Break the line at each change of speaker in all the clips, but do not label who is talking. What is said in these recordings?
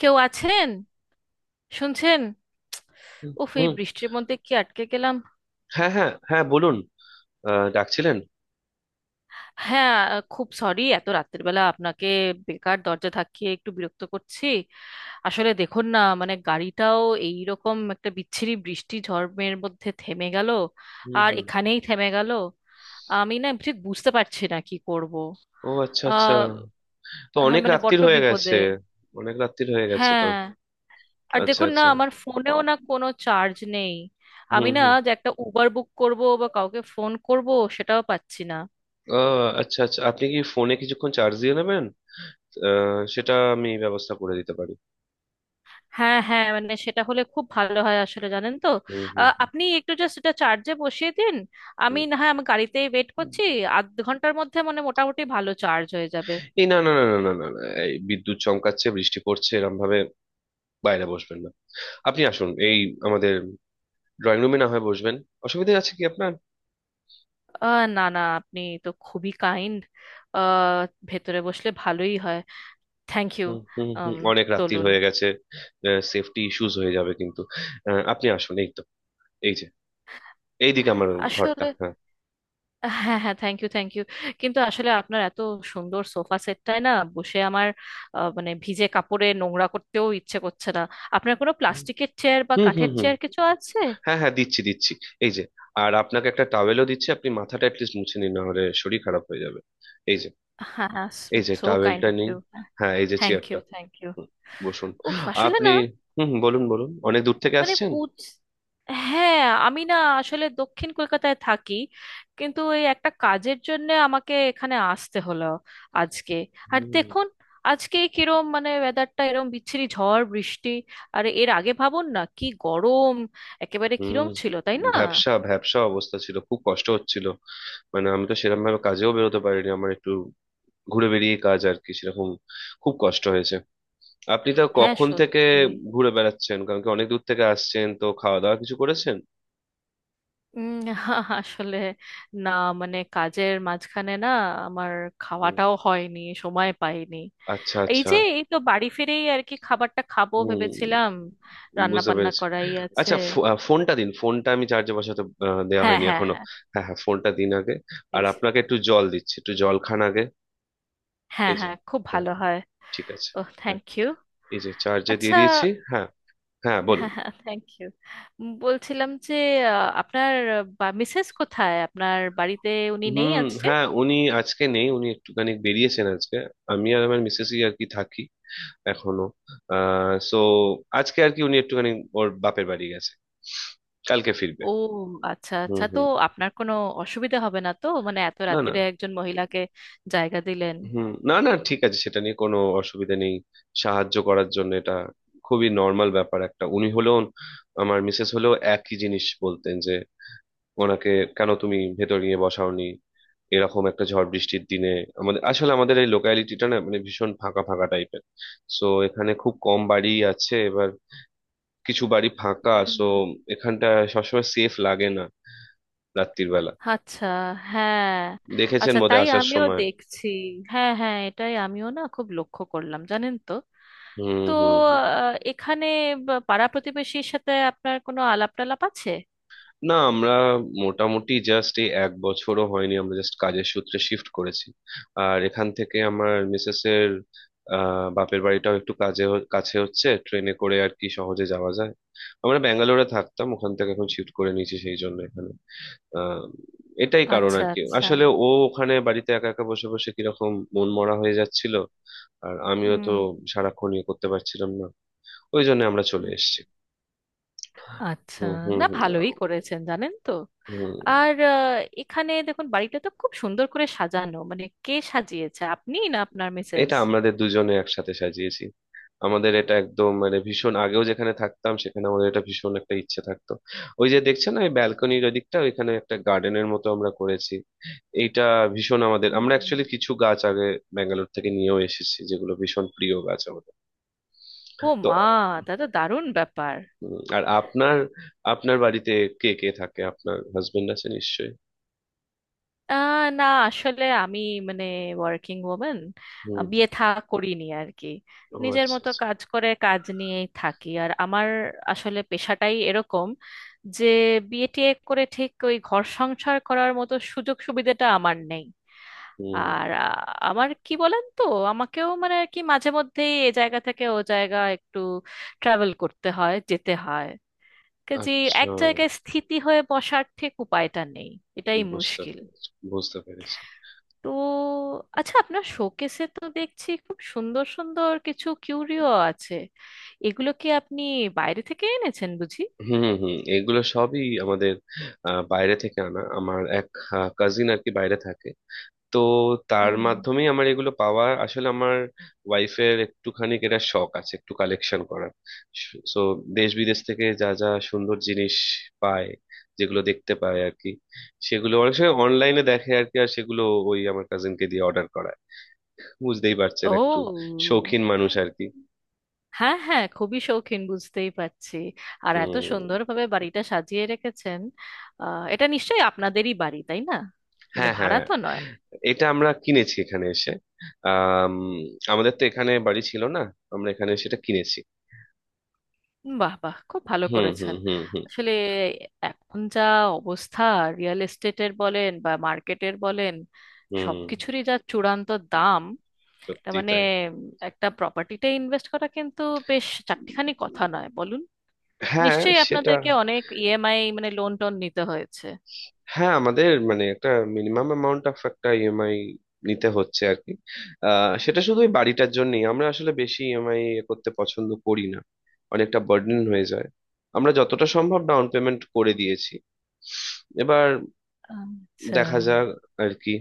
কেউ আছেন? শুনছেন?
হুম
উফ, এই
হুম,
বৃষ্টির মধ্যে কি আটকে গেলাম।
হ্যাঁ হ্যাঁ হ্যাঁ, বলুন। ডাকছিলেন?
হ্যাঁ, খুব সরি এত রাত্রের বেলা আপনাকে বেকার দরজা থাকিয়ে একটু বিরক্ত করছি। আসলে দেখুন না, গাড়িটাও এই রকম একটা বিচ্ছিরি বৃষ্টি ঝড়ের মধ্যে থেমে গেল।
হুম
আর
হুম।
এখানেই থেমে গেল। আমি না ঠিক বুঝতে পারছি না কি করব।
ও, আচ্ছা আচ্ছা।
আহ
তো
হ্যাঁ,
অনেক
বড্ড
রাত্তির
স্বাভাবিক
হয়ে গেছে।
বিপদে।
অনেক রাত্তির হয়ে গেছে তো।
হ্যাঁ। আর
আচ্ছা
দেখুন না,
আচ্ছা।
আমার ফোনেও না কোনো চার্জ নেই। আমি
হুম
না
হুম।
যে একটা উবার বুক করব বা কাউকে ফোন করব, সেটাও পাচ্ছি না।
আচ্ছা আচ্ছা, আপনি কি ফোনে কিছুক্ষণ চার্জ দিয়ে নেবেন? সেটা আমি ব্যবস্থা করে দিতে পারি।
হ্যাঁ হ্যাঁ, সেটা হলে খুব ভালো হয়। আসলে জানেন তো,
হুম হুম
আপনি একটু জাস্ট এটা চার্জে বসিয়ে দিন। আমি
হুম।
না হয় গাড়িতেই ওয়েট
হুম।
করছি। আধ ঘন্টার মধ্যে মোটামুটি ভালো চার্জ হয়ে যাবে।
এই না না না না না না না, এই বিদ্যুৎ চমকাচ্ছে, বৃষ্টি পড়ছে এরম ভাবে। বাইরে বসবেন না। আপনি আসুন, এই আমাদের ড্রয়িং রুমে না হয় বসবেন। অসুবিধা আছে কি আপনার?
না না, আপনি তো খুবই কাইন্ড। ভেতরে বসলে ভালোই হয়। Thank you.
হুম হুম হুম। অনেক রাত্তির
চলুন।
হয়ে গেছে। সেফটি ইস্যুস হয়ে যাবে কিন্তু। আপনি আসুন, এই তো, এই যে, এইদিকে আমার ঘরটা,
আসলে
হ্যাঁ।
হ্যাঁ হ্যাঁ, থ্যাংক ইউ থ্যাংক ইউ। কিন্তু আসলে আপনার এত সুন্দর সোফা সেটটায় না বসে আমার ভিজে কাপড়ে নোংরা করতেও ইচ্ছে করছে না। আপনার কোনো প্লাস্টিকের চেয়ার বা
হুম হুম
কাঠের
হুম।
চেয়ার কিছু আছে?
হ্যাঁ হ্যাঁ, দিচ্ছি দিচ্ছি। এই যে। আর আপনাকে একটা টাওয়েলও দিচ্ছি, আপনি মাথাটা অ্যাটলিস্ট মুছে নিন, না হলে শরীর খারাপ হয়ে যাবে। এই যে,
হ্যাঁ হ্যাঁ।
এই যে
সো কাইন্ড
টাওয়েলটা
অফ
নিন।
ইউ।
হ্যাঁ, এই যে
থ্যাংক ইউ
চেয়ারটা।
Thank you.
হুম, বসুন।
উফ, আসলে
আপনি।
না
হুম হুম, বলুন বলুন, অনেক দূর থেকে
মানে
আসছেন?
বুঝ হ্যাঁ। আমি না আসলে দক্ষিণ কলকাতায় থাকি, কিন্তু এই একটা কাজের জন্য আমাকে এখানে আসতে হলো আজকে। আর
হুম
দেখুন, আজকে কিরম ওয়েদারটা এরম বিচ্ছিরি ঝড় বৃষ্টি। আর এর আগে ভাবুন না কি গরম, একেবারে
হুম।
কিরম ছিল তাই না।
ভ্যাবসা ভ্যাবসা অবস্থা ছিল, খুব কষ্ট হচ্ছিল। মানে আমি তো সেরকম ভাবে কাজেও বেরোতে পারিনি, আমার একটু ঘুরে বেরিয়ে কাজ আর কি সেরকম। খুব কষ্ট হয়েছে। আপনি তো
হ্যাঁ,
কখন থেকে
সত্যি।
ঘুরে বেড়াচ্ছেন, কারণ কি অনেক দূর থেকে আসছেন তো, খাওয়া দাওয়া কিছু করেছেন?
উম, আসলে না, কাজের মাঝখানে আমার
হুম,
খাওয়াটাও হয়নি, সময় পাইনি।
আচ্ছা
এই
আচ্ছা।
যে, এই তো বাড়ি ফিরেই আর কি খাবারটা খাবো
হুম,
ভেবেছিলাম, রান্না
বুঝতে
বান্না
পেরেছি।
করাই আছে।
আচ্ছা, ফোনটা দিন, ফোনটা আমি চার্জে বসাতে দেওয়া
হ্যাঁ
হয়নি
হ্যাঁ
এখনো।
হ্যাঁ,
হ্যাঁ হ্যাঁ, ফোনটা দিন আগে। আর
প্লিজ।
আপনাকে একটু জল দিচ্ছি, একটু জল খান আগে।
হ্যাঁ
এই যে।
হ্যাঁ, খুব
হ্যাঁ,
ভালো হয়।
ঠিক আছে।
ও,
হ্যাঁ,
থ্যাংক ইউ।
এই যে চার্জে দিয়ে
আচ্ছা।
দিয়েছি। হ্যাঁ হ্যাঁ, বলুন।
হ্যাঁ হ্যাঁ, থ্যাংক ইউ। বলছিলাম যে, আপনার মিসেস কোথায়? আপনার বাড়িতে উনি নেই
হুম,
আছে?
হ্যাঁ উনি আজকে নেই, উনি একটুখানি বেরিয়েছেন আজকে। আমি আর আমার মিসেসই আর কি থাকি এখনো। সো, আজকে আর কি উনি একটুখানি ওর বাপের বাড়ি গেছে, কালকে ফিরবে।
ও আচ্ছা
হুম
আচ্ছা। তো
হুম।
আপনার কোনো অসুবিধা হবে না তো? মানে এত
না না।
রাত্তিরে একজন মহিলাকে জায়গা দিলেন।
হুম, না না, ঠিক আছে, সেটা নিয়ে কোনো অসুবিধা নেই। সাহায্য করার জন্য এটা খুবই নর্মাল ব্যাপার একটা। উনি হলেও, আমার মিসেস হলেও একই জিনিস বলতেন, যে ওনাকে কেন তুমি ভেতর নিয়ে বসাওনি এরকম একটা ঝড় বৃষ্টির দিনে। আমাদের আসলে আমাদের এই লোকালিটিটা না মানে ভীষণ ফাঁকা ফাঁকা টাইপের। সো এখানে খুব কম বাড়ি আছে, এবার কিছু বাড়ি ফাঁকা,
হুম।
সো এখানটা সবসময় সেফ লাগে না রাত্রির বেলা।
আচ্ছা। হ্যাঁ।
দেখেছেন
আচ্ছা,
বোধহয়
তাই?
আসার
আমিও
সময়।
দেখছি। হ্যাঁ হ্যাঁ, এটাই আমিও না খুব লক্ষ্য করলাম, জানেন তো।
হুম
তো
হুম হুম।
এখানে পাড়া প্রতিবেশীর সাথে আপনার কোনো আলাপ টালাপ আছে?
না, আমরা মোটামুটি জাস্ট এই এক বছরও হয়নি, আমরা জাস্ট কাজের সূত্রে শিফট করেছি। আর এখান থেকে আমার মিসেস এর বাপের বাড়িটাও একটু কাজে কাছে হচ্ছে, ট্রেনে করে আর কি সহজে যাওয়া যায়। আমরা ব্যাঙ্গালোরে থাকতাম, ওখান থেকে এখন শিফট করে নিয়েছি সেই জন্য এখানে। আহ, এটাই কারণ
আচ্ছা
আর কি,
আচ্ছা।
আসলে ও ওখানে বাড়িতে একা একা বসে বসে কিরকম মন মরা হয়ে যাচ্ছিল। আর আমিও তো
হুম
সারাক্ষণ ইয়ে করতে পারছিলাম না, ওই জন্য আমরা চলে
হুম।
এসেছি।
আচ্ছা।
হুম হুম
না,
হুম।
ভালোই করেছেন, জানেন তো।
হুম।
আর এখানে দেখুন বাড়িটা তো খুব সুন্দর করে সাজানো, কে সাজিয়েছে? আপনি না আপনার মিসেস?
এটা আমাদের দুজনে একসাথে সাজিয়েছি। আমাদের এটা একদম মানে ভীষণ আগেও যেখানে থাকতাম সেখানে আমাদের এটা ভীষণ একটা ইচ্ছে থাকতো। ওই যে দেখছেন না, এই ব্যালকনির ওদিকটা, ওইখানে একটা গার্ডেনের মতো আমরা করেছি। এইটা ভীষণ আমাদের, আমরা
হুম।
অ্যাকচুয়ালি কিছু গাছ আগে ব্যাঙ্গালোর থেকে নিয়েও এসেছি, যেগুলো ভীষণ প্রিয় গাছ আমাদের।
ও
তো
মা, দাদা, দারুণ ব্যাপার।
আর আপনার, আপনার বাড়িতে কে কে থাকে, আপনার হাজবেন্ড আছে নিশ্চয়ই?
না, আসলে আমি, মানে, ওয়ার্কিং ওমেন।
হুম।
বিয়ে থা করিনি আর কি।
ও
নিজের
আচ্ছা
মতো
আচ্ছা।
কাজ করে কাজ নিয়েই থাকি। আর আমার আসলে পেশাটাই এরকম, যে বিয়ে টিয়ে করে ঠিক ওই ঘর সংসার করার মতো সুযোগ সুবিধাটা আমার নেই।
হুম।
আর আমার কি বলেন তো, আমাকেও মানে আর কি মাঝে মধ্যেই এ জায়গা থেকে ও জায়গা একটু ট্রাভেল করতে হয়, যেতে হয় কাজে।
আচ্ছা,
এক জায়গায় স্থিতি হয়ে বসার ঠিক উপায়টা নেই, এটাই
বুঝতে
মুশকিল।
পেরেছি বুঝতে পেরেছি।
তো আচ্ছা, আপনার শোকেসে তো দেখছি খুব সুন্দর সুন্দর কিছু কিউরিও আছে। এগুলো কি আপনি বাইরে থেকে এনেছেন বুঝি?
হুম হুম, এগুলো সবই আমাদের বাইরে থেকে আনা। আমার এক কাজিন আর কি বাইরে থাকে, তো তার
হুম।
মাধ্যমেই আমার এগুলো পাওয়া। আসলে আমার ওয়াইফের একটুখানি এটা শখ আছে একটু কালেকশন করার। সো দেশ বিদেশ থেকে যা যা সুন্দর জিনিস পায়, যেগুলো দেখতে পায় আর কি, সেগুলো অনেক সময় অনলাইনে দেখে আর কি, আর সেগুলো ওই আমার কাজিনকে দিয়ে অর্ডার করায়। বুঝতেই পারছেন একটু
ও
শৌখিন মানুষ আর কি।
হ্যাঁ হ্যাঁ, খুবই শৌখিন, বুঝতেই পারছি। আর এত
উম,
সুন্দরভাবে বাড়িটা সাজিয়ে রেখেছেন। এটা নিশ্চয়ই আপনাদেরই বাড়ি, তাই না? মানে
হ্যাঁ
ভাড়া
হ্যাঁ।
তো নয়।
এটা আমরা কিনেছি এখানে এসে। আম, আমাদের তো এখানে বাড়ি ছিল না, আমরা এখানে সেটা কিনেছি।
বাহ বাহ, খুব ভালো
হুম হুম
করেছেন।
হুম হুম।
আসলে এখন যা অবস্থা, রিয়েল এস্টেটের বলেন বা মার্কেটের বলেন,
হুম।
সবকিছুরই যা চূড়ান্ত দাম। তার
সত্যি
মানে
তাই।
একটা প্রপার্টিতে ইনভেস্ট করা কিন্তু বেশ চারটিখানি কথা নয়, বলুন।
হ্যাঁ,
নিশ্চয়ই
সেটা,
আপনাদেরকে অনেক ইএমআই, মানে লোন টোন নিতে হয়েছে।
হ্যাঁ আমাদের মানে একটা মিনিমাম অ্যামাউন্ট অফ একটা ইএমআই নিতে হচ্ছে আর কি। সেটা শুধু ওই বাড়িটার জন্যই, আমরা আসলে বেশি ইএমআই করতে পছন্দ করি না, অনেকটা বার্ডেন হয়ে যায়। আমরা যতটা সম্ভব ডাউন পেমেন্ট করে দিয়েছি এবার,
আচ্ছা।
দেখা যাক আর কি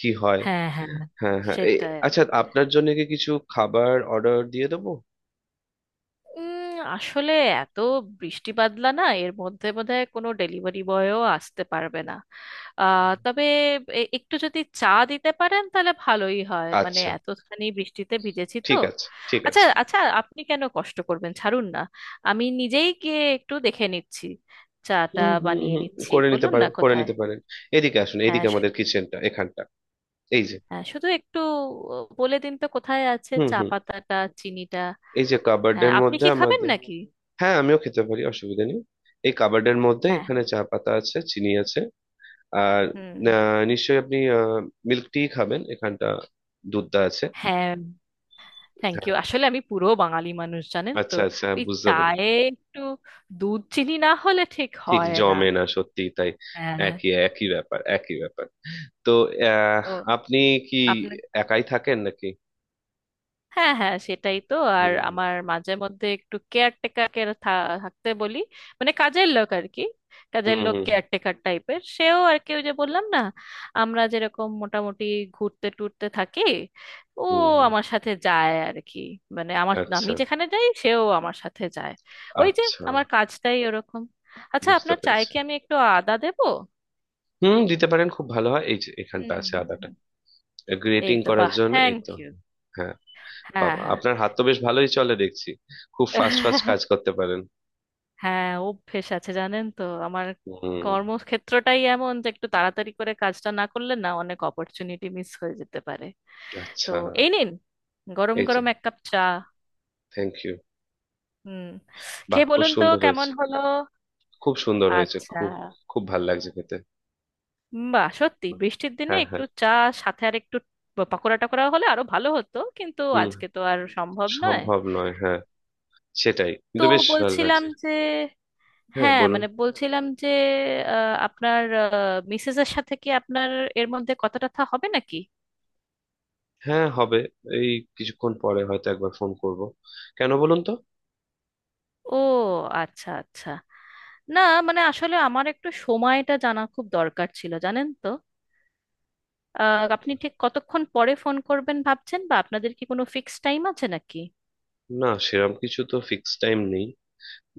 কি হয়।
হ্যাঁ হ্যাঁ,
হ্যাঁ হ্যাঁ, এই
সেটাই।
আচ্ছা, আপনার জন্য কি কিছু খাবার অর্ডার দিয়ে দেবো?
উম, আসলে এত বৃষ্টি বাদলা না, এর মধ্যে বোধহয় কোনো ডেলিভারি বয়ও আসতে পারবে না। তবে একটু যদি চা দিতে পারেন তাহলে ভালোই হয়, মানে
আচ্ছা,
এতখানি বৃষ্টিতে ভিজেছি তো।
ঠিক আছে, ঠিক
আচ্ছা
আছে।
আচ্ছা, আপনি কেন কষ্ট করবেন, ছাড়ুন না, আমি নিজেই গিয়ে একটু দেখে নিচ্ছি, চাটা
হুম হুম
বানিয়ে
হুম,
নিচ্ছি।
করে নিতে
বলুন না
পারেন করে
কোথায়।
নিতে পারেন। এদিকে আসুন,
হ্যাঁ
এদিকে আমাদের কিচেনটা এখানটা, এই যে।
হ্যাঁ, শুধু একটু বলে দিন তো কোথায় আছে
হুম
চা
হুম,
পাতাটা, চিনিটা।
এই যে
হ্যাঁ,
কাবার্ডের
আপনি
মধ্যে
কি খাবেন
আমাদের।
নাকি?
হ্যাঁ, আমিও খেতে পারি, অসুবিধা নেই। এই কাবার্ডের মধ্যে
হ্যাঁ।
এখানে চা পাতা আছে, চিনি আছে। আর
হুম।
নিশ্চয়ই আপনি মিল্ক টি খাবেন, এখানটা দুধটা আছে।
হ্যাঁ, থ্যাংক
হ্যাঁ,
ইউ। আসলে আমি পুরো বাঙালি মানুষ, জানেন তো,
আচ্ছা আচ্ছা হ্যাঁ,
ওই
বুঝতে পারি।
চায়ে একটু দুধ চিনি না হলে ঠিক
ঠিক
হয় না।
জমে না, সত্যি তাই।
হ্যাঁ।
একই একই ব্যাপার, একই ব্যাপার। তো আহ,
ও,
আপনি কি
আপনার
একাই থাকেন নাকি?
হ্যাঁ হ্যাঁ, সেটাই তো। আর
হুম
আমার মাঝে মধ্যে একটু কেয়ারটেকারকে থাকতে বলি, মানে কাজের লোক আর কি,
হুম
কাজের
হুম
লোক
হুম
কেয়ারটেকার টাইপের। সেও আর কি, ওই যে বললাম না, আমরা যেরকম মোটামুটি ঘুরতে টুরতে থাকি, ও
হুম, হুম।
আমার সাথে যায় আর কি। মানে আমি
আচ্ছা
যেখানে যাই সেও আমার সাথে যায়। ওই যে,
আচ্ছা।
আমার কাজটাই ওরকম। আচ্ছা,
বুঝতে
আপনার চায়ে
পেরেছি।
কি আমি একটু আদা দেবো?
হুম, দিতে পারেন, খুব ভালো হয়। এই যে এখানটা
হুম
আছে
হুম,
আদাটা,
হুম। এই
গ্রেটিং
তো,
করার
বাহ,
জন্য, এই
থ্যাংক
তো।
ইউ।
হ্যাঁ।
হ্যাঁ
বাবা,
হ্যাঁ।
আপনার হাত তো বেশ ভালোই চলে দেখছি, খুব ফাস্ট ফাস্ট কাজ করতে পারেন।
হ্যাঁ, অভ্যেস আছে জানেন তো আমার,
হুম।
কর্মক্ষেত্রটাই এমন যে একটু তাড়াতাড়ি করে কাজটা না করলে না অনেক অপরচুনিটি মিস হয়ে যেতে পারে। তো
আচ্ছা।
এই নিন, গরম
এই যে,
গরম এক কাপ চা।
Thank you.
হুম।
বাহ,
খেয়ে
খুব
বলুন তো
সুন্দর
কেমন
হয়েছে।
হলো।
খুব সুন্দর হয়েছে,
আচ্ছা।
খুব। খুব ভালো লাগছে খেতে।
বাহ, সত্যি
বাহ,
বৃষ্টির দিনে
হ্যাঁ
একটু
হ্যাঁ।
চা, সাথে আর একটু পাকোড়া টাকোড়া হলে আরো ভালো হতো, কিন্তু
হুম,
আজকে তো আর সম্ভব নয়।
সম্ভব নয় হ্যাঁ। সেটাই,
তো
কিন্তু বেশ ভালো
বলছিলাম
লাগছে।
যে,
হ্যাঁ,
হ্যাঁ,
বলুন।
মানে বলছিলাম যে আপনার মিসেস এর সাথে কি আপনার এর মধ্যে কথা টথা হবে নাকি?
হ্যাঁ, হবে। এই কিছুক্ষণ পরে হয়তো একবার ফোন করব। কেন বলুন তো?
ও আচ্ছা আচ্ছা। না, আসলে আমার একটু সময়টা জানা খুব দরকার ছিল, জানেন তো। আপনি ঠিক কতক্ষণ পরে ফোন করবেন ভাবছেন? বা আপনাদের কি কোনো ফিক্স টাইম আছে নাকি?
না, সেরকম কিছু তো ফিক্স টাইম নেই,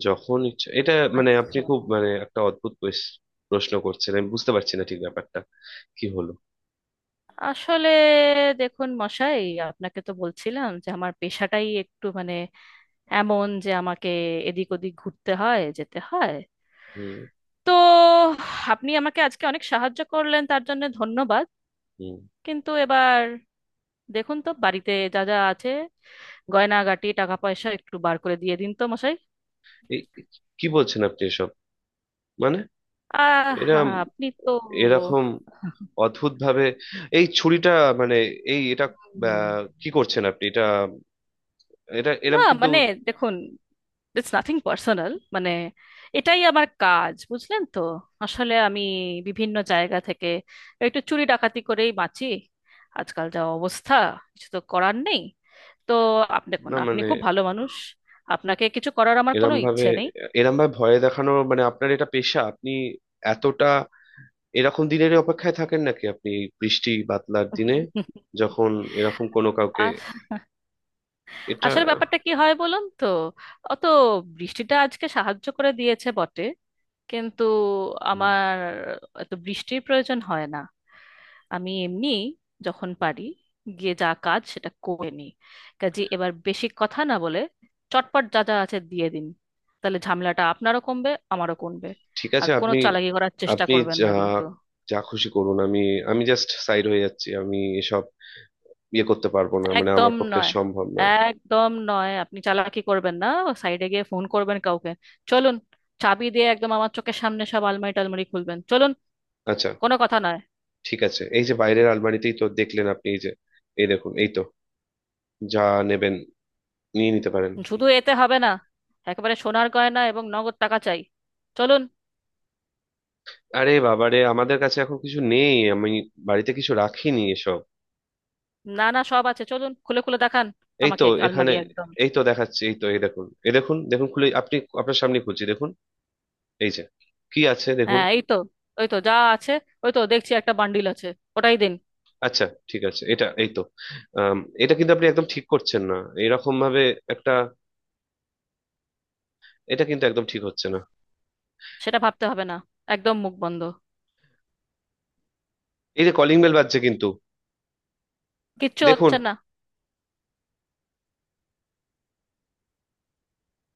যখন ইচ্ছা। এটা মানে আপনি
আচ্ছা।
খুব মানে একটা অদ্ভুত প্রশ্ন করছেন, আমি বুঝতে পারছি না ঠিক ব্যাপারটা কি হলো।
আসলে দেখুন মশাই, আপনাকে তো বলছিলাম যে আমার পেশাটাই একটু এমন যে আমাকে এদিক ওদিক ঘুরতে হয়, যেতে হয়।
হুম
তো আপনি আমাকে আজকে অনেক সাহায্য করলেন, তার জন্য ধন্যবাদ।
হুম।
কিন্তু এবার দেখুন তো, বাড়িতে যা যা আছে গয়নাগাটি টাকা পয়সা একটু বার করে দিয়ে দিন তো মশাই।
এই, কি বলছেন আপনি এসব? মানে
আহ,
এরা
আপনি তো।
এরকম অদ্ভুত ভাবে এই ছুরিটা! মানে এই এটা,
হুম।
কি করছেন আপনি এটা? এটা
না
এরম কিন্তু,
দেখুন, ইটস নাথিং পার্সোনাল, মানে এটাই আমার কাজ বুঝলেন তো। আসলে আমি বিভিন্ন জায়গা থেকে একটু চুরি ডাকাতি করেই বাঁচি। আজকাল যা অবস্থা, কিছু তো করার নেই। তো দেখুন,
না
আপনি
মানে,
খুব ভালো মানুষ, আপনাকে কিছু করার আমার কোনো
এরম ভাবে,
ইচ্ছে নেই।
এরম ভাবে ভয় দেখানো মানে আপনার এটা পেশা? আপনি এতটা এরকম দিনের অপেক্ষায় থাকেন নাকি? আপনি এই বৃষ্টি বাদলার দিনে যখন এরকম কোনো কাউকে
আস-
এটা।
আসলে ব্যাপারটা কি হয় বলুন তো, অত বৃষ্টিটা আজকে সাহায্য করে দিয়েছে বটে, কিন্তু
হুম,
আমার এত বৃষ্টির প্রয়োজন হয় না। আমি এমনি যখন পারি গিয়ে যা কাজ সেটা করে নিই। কাজে, এবার বেশি কথা না বলে চটপট যা যা আছে দিয়ে দিন, তাহলে ঝামেলাটা আপনারও কমবে আমারও কমবে।
ঠিক
আর
আছে
কোনো
আপনি,
চালাকি করার চেষ্টা
আপনি
করবেন না
যা
কিন্তু।
যা খুশি করুন, আমি আমি জাস্ট সাইড হয়ে যাচ্ছি, আমি এসব ইয়ে করতে পারবো না মানে
একদম
আমার পক্ষে
নয়,
সম্ভব নয়।
একদম নয়, আপনি চালাকি করবেন না, সাইডে গিয়ে ফোন করবেন কাউকে। চলুন, চাবি দিয়ে একদম আমার চোখের সামনে সব আলমারি টালমারি খুলবেন, চলুন,
আচ্ছা,
কোনো কথা নয়।
ঠিক আছে, এই যে বাইরের আলমারিতেই তো দেখলেন আপনি, এই যে, এই দেখুন, এই তো, যা নেবেন নিয়ে নিতে পারেন।
শুধু এতে হবে না, একেবারে সোনার গয়না এবং নগদ টাকা চাই, চলুন।
আরে বাবারে, আমাদের কাছে এখন কিছু নেই, আমি বাড়িতে কিছু রাখিনি এসব।
না না, সব আছে, চলুন খুলে খুলে দেখান
এই তো
আমাকে
এখানে,
আলমারি একদম।
এই তো দেখাচ্ছি, এই তো, এই দেখুন এই দেখুন, দেখুন খুলে আপনি, আপনার সামনে খুলছি, দেখুন এই যে কি আছে দেখুন।
হ্যাঁ এই তো, ওই তো যা আছে, ওই তো দেখছি একটা বান্ডিল আছে, ওটাই দিন।
আচ্ছা, ঠিক আছে, এটা এই তো, আম, এটা কিন্তু আপনি একদম ঠিক করছেন না, এরকম ভাবে একটা, এটা কিন্তু একদম ঠিক হচ্ছে না।
সেটা ভাবতে হবে না, একদম মুখ বন্ধ।
এই যে কলিং বেল বাজছে কিন্তু,
কিচ্ছু
দেখুন।
হচ্ছে না।